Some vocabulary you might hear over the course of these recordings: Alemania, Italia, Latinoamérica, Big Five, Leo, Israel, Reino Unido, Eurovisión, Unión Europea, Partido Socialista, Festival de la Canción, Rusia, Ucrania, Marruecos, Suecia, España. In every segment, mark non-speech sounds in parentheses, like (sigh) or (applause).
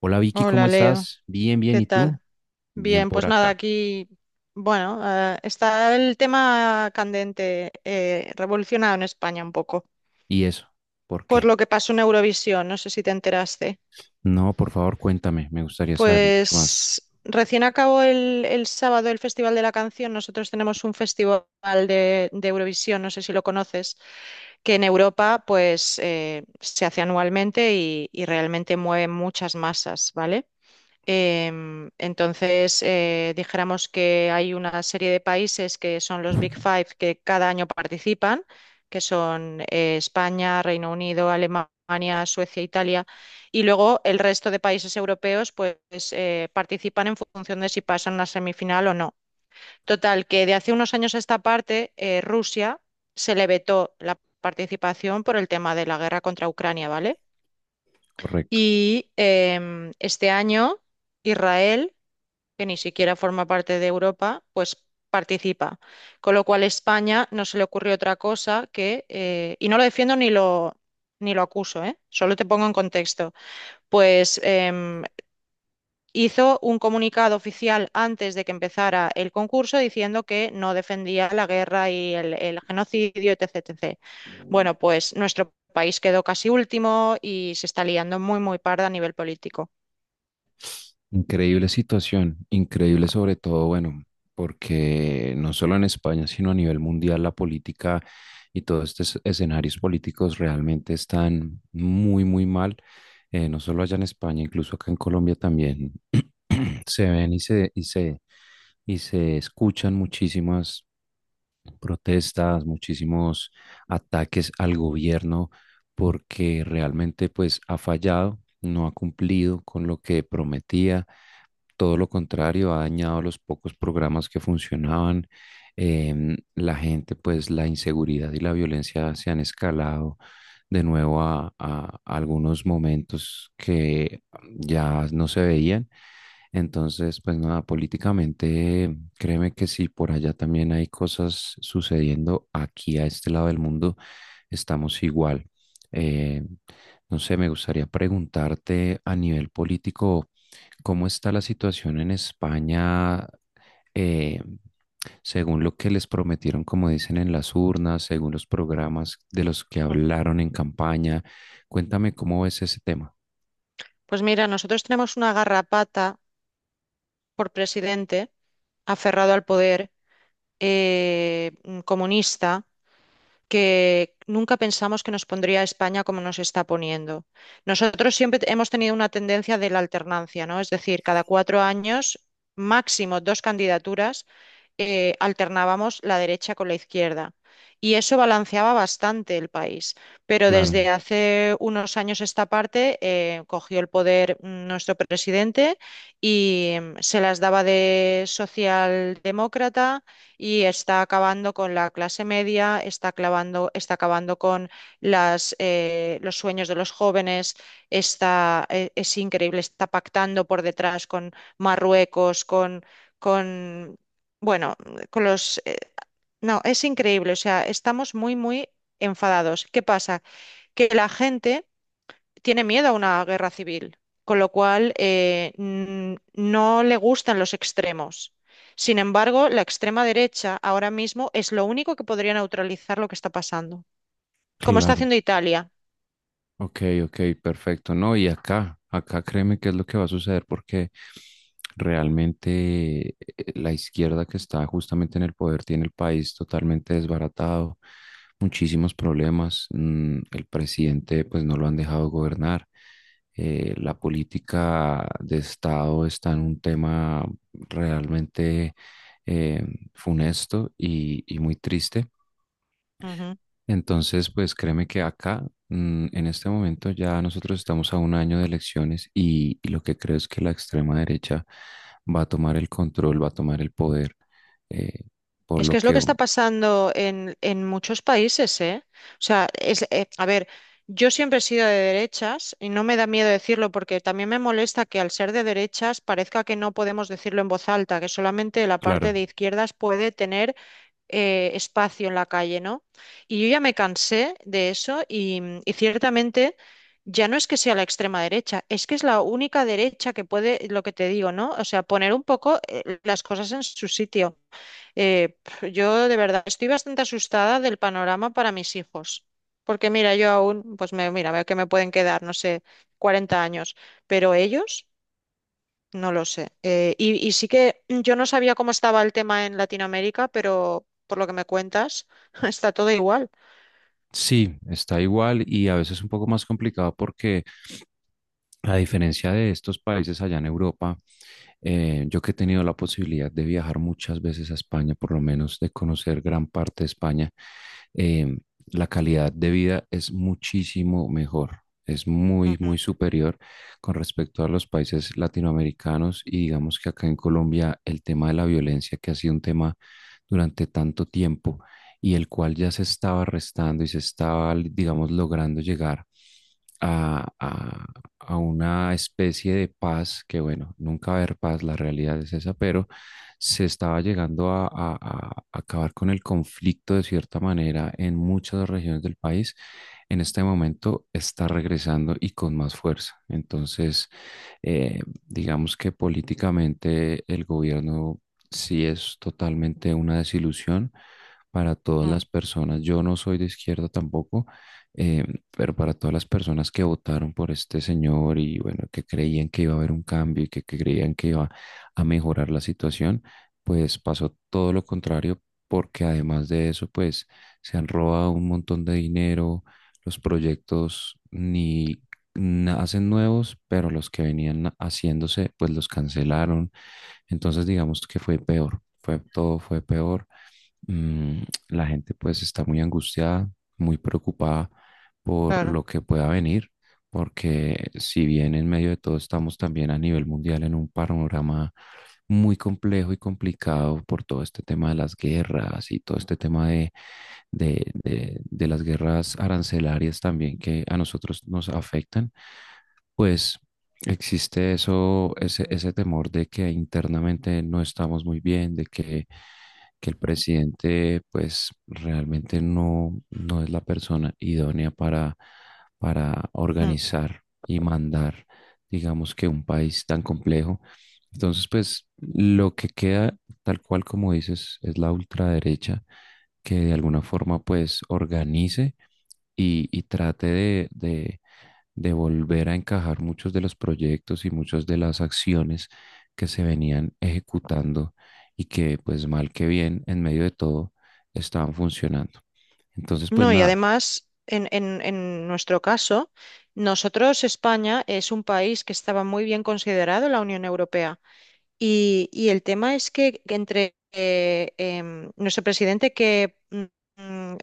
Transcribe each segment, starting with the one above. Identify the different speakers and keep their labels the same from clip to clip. Speaker 1: Hola Vicky, ¿cómo
Speaker 2: Hola Leo,
Speaker 1: estás? Bien, bien,
Speaker 2: ¿qué
Speaker 1: ¿y tú?
Speaker 2: tal?
Speaker 1: Bien
Speaker 2: Bien,
Speaker 1: por
Speaker 2: pues nada,
Speaker 1: acá.
Speaker 2: aquí, bueno, está el tema candente, revolucionado en España un poco,
Speaker 1: ¿Y eso? ¿Por
Speaker 2: por
Speaker 1: qué?
Speaker 2: lo que pasó en Eurovisión, no sé si te enteraste.
Speaker 1: No, por favor, cuéntame, me gustaría saber mucho más.
Speaker 2: Pues recién acabó el sábado el Festival de la Canción, nosotros tenemos un festival de Eurovisión, no sé si lo conoces, que en Europa pues se hace anualmente y realmente mueve muchas masas, ¿vale? Entonces, dijéramos que hay una serie de países que son los Big Five que cada año participan, que son España, Reino Unido, Alemania, Suecia, Italia, y luego el resto de países europeos pues participan en función de si pasan a semifinal o no. Total, que de hace unos años a esta parte, Rusia se le vetó la participación por el tema de la guerra contra Ucrania, ¿vale?
Speaker 1: Correcto.
Speaker 2: Y este año, Israel, que ni siquiera forma parte de Europa, pues participa. Con lo cual España no se le ocurrió otra cosa que, y no lo defiendo ni lo acuso, ¿eh? Solo te pongo en contexto, pues hizo un comunicado oficial antes de que empezara el concurso diciendo que no defendía la guerra y el genocidio, etcétera. Etc. Bueno, pues nuestro país quedó casi último y se está liando muy, muy parda a nivel político.
Speaker 1: Increíble situación, increíble sobre todo, bueno, porque no solo en España, sino a nivel mundial, la política y todos estos escenarios políticos realmente están muy, muy mal. No solo allá en España, incluso acá en Colombia también (clears throat) se ven y se escuchan muchísimas protestas, muchísimos ataques al gobierno porque realmente pues ha fallado, no ha cumplido con lo que prometía todo lo contrario, ha dañado los pocos programas que funcionaban. La gente, pues la inseguridad y la violencia se han escalado de nuevo a algunos momentos que ya no se veían. Entonces, pues nada, políticamente, créeme que si por allá también hay cosas sucediendo, aquí a este lado del mundo estamos igual. Eh, no sé, me gustaría preguntarte a nivel político. ¿Cómo está la situación en España? eh, Según lo que les prometieron, como dicen en las urnas, según los programas de los que hablaron en campaña, cuéntame cómo ves ese tema.
Speaker 2: Pues mira, nosotros tenemos una garrapata por presidente aferrado al poder, comunista, que nunca pensamos que nos pondría a España como nos está poniendo. Nosotros siempre hemos tenido una tendencia de la alternancia, ¿no? Es decir, cada cuatro años, máximo dos candidaturas, alternábamos la derecha con la izquierda. Y eso balanceaba bastante el país. Pero
Speaker 1: Claro,
Speaker 2: desde hace unos años esta parte cogió el poder, nuestro presidente, y mm, se las daba de socialdemócrata y está acabando con la clase media, está acabando con los sueños de los jóvenes, es increíble, está pactando por detrás con Marruecos, con bueno, con los... no, es increíble, o sea, estamos muy, muy enfadados. ¿Qué pasa? Que la gente tiene miedo a una guerra civil, con lo cual no le gustan los extremos. Sin embargo, la extrema derecha ahora mismo es lo único que podría neutralizar lo que está pasando, como está
Speaker 1: claro.
Speaker 2: haciendo Italia.
Speaker 1: Ok, ok, perfecto. No, y acá, acá créeme qué es lo que va a suceder porque realmente la izquierda que está justamente en el poder tiene el país totalmente desbaratado, muchísimos problemas. El presidente pues no lo han dejado gobernar. La política de Estado está en un tema realmente eh, funesto y muy triste. Entonces, pues créeme que acá, en este momento, ya nosotros estamos a un año de elecciones y lo que creo es que la extrema derecha va a tomar el control, va a tomar el poder, eh, por
Speaker 2: Es que
Speaker 1: lo
Speaker 2: es lo que
Speaker 1: que,
Speaker 2: está pasando en muchos países, ¿eh? O sea, es, a ver, yo siempre he sido de derechas y no me da miedo decirlo porque también me molesta que al ser de derechas parezca que no podemos decirlo en voz alta, que solamente la
Speaker 1: claro,
Speaker 2: parte de izquierdas puede tener espacio en la calle, ¿no? Y yo ya me cansé de eso y ciertamente ya no es que sea la extrema derecha, es que es la única derecha que puede, lo que te digo, ¿no? O sea, poner un poco, las cosas en su sitio. Yo de verdad estoy bastante asustada del panorama para mis hijos, porque mira, yo aún, pues me, mira, veo que me pueden quedar, no sé, 40 años, pero ellos, no lo sé. Y sí que yo no sabía cómo estaba el tema en Latinoamérica, pero por lo que me cuentas, (laughs) está todo igual.
Speaker 1: sí, está igual y a veces un poco más complicado porque a diferencia de estos países allá en Europa, yo que he tenido la posibilidad de viajar muchas veces a España, por lo menos de conocer gran parte de España, eh, la calidad de vida es muchísimo mejor, es muy,
Speaker 2: Ujú,
Speaker 1: muy superior con respecto a los países latinoamericanos y digamos que acá en Colombia el tema de la violencia, que ha sido un tema durante tanto tiempo y el cual ya se estaba restando y se estaba, digamos, logrando llegar a, a una especie de paz, que bueno, nunca va a haber paz, la realidad es esa, pero se estaba llegando a acabar con el conflicto de cierta manera en muchas regiones del país. En este momento está regresando y con más fuerza. Entonces, eh, digamos que políticamente el gobierno sí es totalmente una desilusión para todas
Speaker 2: mm,
Speaker 1: las personas. Yo no soy de izquierda tampoco. eh, pero para todas las personas que votaron por este señor y bueno, que creían que iba a haber un cambio y que creían que iba a mejorar la situación, pues pasó todo lo contrario, porque además de eso, pues se han robado un montón de dinero, los proyectos ni na- hacen nuevos, pero los que venían haciéndose, pues los cancelaron. Entonces, digamos que fue peor, fue todo fue peor mm, la gente pues está muy angustiada, muy preocupada por
Speaker 2: claro.
Speaker 1: lo que pueda venir, porque si bien en medio de todo estamos también a nivel mundial en un panorama muy complejo y complicado por todo este tema de las guerras y todo este tema de las guerras arancelarias también que a nosotros nos afectan, pues... Existe eso, ese temor de que internamente no estamos muy bien, de que el presidente pues realmente no, no es la persona idónea para
Speaker 2: Mm.
Speaker 1: organizar y mandar, digamos que un país tan complejo. Entonces pues lo que queda tal cual como dices es la ultraderecha que de alguna forma pues organice y trate de volver a encajar muchos de los proyectos y muchas de las acciones que se venían ejecutando y que pues mal que bien en medio de todo estaban funcionando. Entonces pues
Speaker 2: No, y
Speaker 1: nada,
Speaker 2: además, en nuestro caso, nosotros, España, es un país que estaba muy bien considerado en la Unión Europea. Y el tema es que entre nuestro presidente que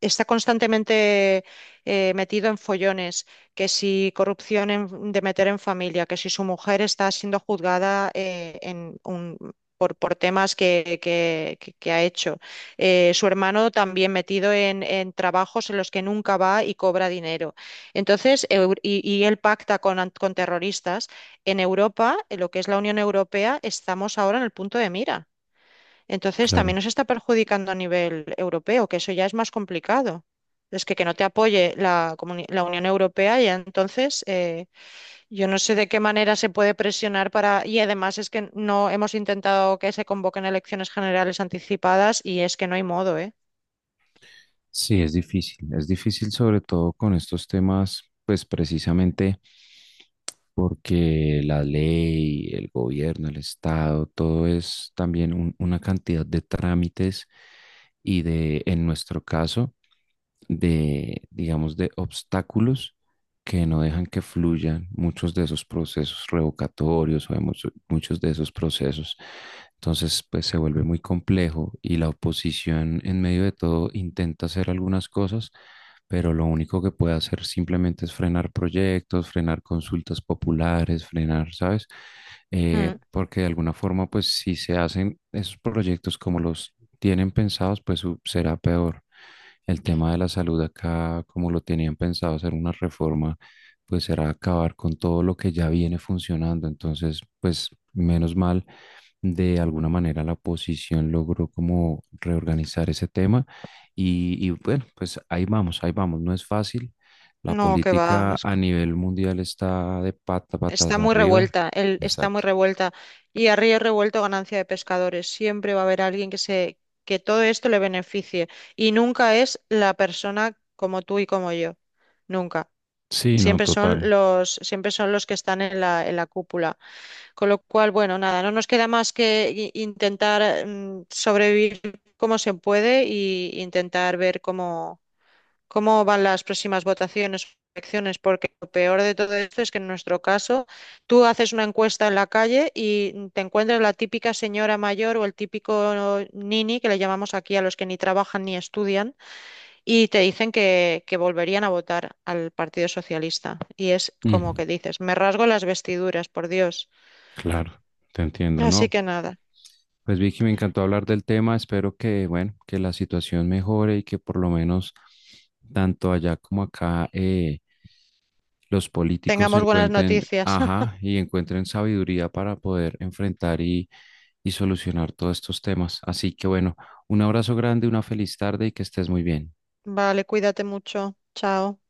Speaker 2: está constantemente metido en follones, que si corrupción de meter en familia, que si su mujer está siendo juzgada, por temas que ha hecho. Su hermano también metido en trabajos en los que nunca va y cobra dinero. Entonces, y él pacta con terroristas. En Europa, en lo que es la Unión Europea, estamos ahora en el punto de mira. Entonces
Speaker 1: claro,
Speaker 2: también nos está perjudicando a nivel europeo, que eso ya es más complicado. Es que no te apoye la, la Unión Europea y entonces, yo no sé de qué manera se puede presionar para... Y además es que no hemos intentado que se convoquen elecciones generales anticipadas y es que no hay modo, ¿eh?
Speaker 1: sí es difícil sobre todo con estos temas pues precisamente porque la ley, el gobierno, el Estado, todo es también una cantidad de trámites y de, en nuestro caso, de, digamos, de obstáculos que no dejan que fluyan muchos de esos procesos revocatorios o muchos de esos procesos. Entonces, pues se vuelve muy complejo y la oposición en medio de todo intenta hacer algunas cosas, pero lo único que puede hacer simplemente es frenar proyectos, frenar consultas populares, frenar, ¿sabes?
Speaker 2: Mm.
Speaker 1: Porque de alguna forma, pues si se hacen esos proyectos como los tienen pensados, será peor. El tema de la salud acá, como lo tenían pensado hacer una reforma, pues será acabar con todo lo que ya viene funcionando. Entonces, pues menos mal, de alguna manera la oposición logró como reorganizar ese tema. Y bueno, pues ahí vamos, ahí vamos. No es fácil. La
Speaker 2: No, que va.
Speaker 1: política a nivel mundial está de
Speaker 2: Está
Speaker 1: patas
Speaker 2: muy
Speaker 1: arriba.
Speaker 2: revuelta, el está muy
Speaker 1: Exacto.
Speaker 2: revuelta. Y a río revuelto, ganancia de pescadores. Siempre va a haber alguien que se, que todo esto le beneficie. Y nunca es la persona como tú y como yo. Nunca.
Speaker 1: Sí, no, total.
Speaker 2: Siempre son los que están en la cúpula. Con lo cual, bueno, nada, no nos queda más que intentar sobrevivir como se puede y intentar ver cómo van las próximas votaciones o elecciones, porque lo peor de todo esto es que en nuestro caso tú haces una encuesta en la calle y te encuentras la típica señora mayor o el típico nini, que le llamamos aquí a los que ni trabajan ni estudian, y te dicen que volverían a votar al Partido Socialista. Y es como
Speaker 1: Mm,
Speaker 2: que dices, me rasgo las vestiduras, por Dios.
Speaker 1: claro, te entiendo, ¿no?
Speaker 2: Así que nada,
Speaker 1: Pues Vicky, me encantó hablar del tema. Espero que, bueno, que la situación mejore y que por lo menos tanto allá como acá los políticos
Speaker 2: tengamos buenas
Speaker 1: encuentren,
Speaker 2: noticias. (laughs)
Speaker 1: ajá, y encuentren sabiduría para poder enfrentar y solucionar todos estos temas. Así que bueno, un abrazo grande, una feliz tarde y que estés muy bien.
Speaker 2: Vale, cuídate mucho. Chao.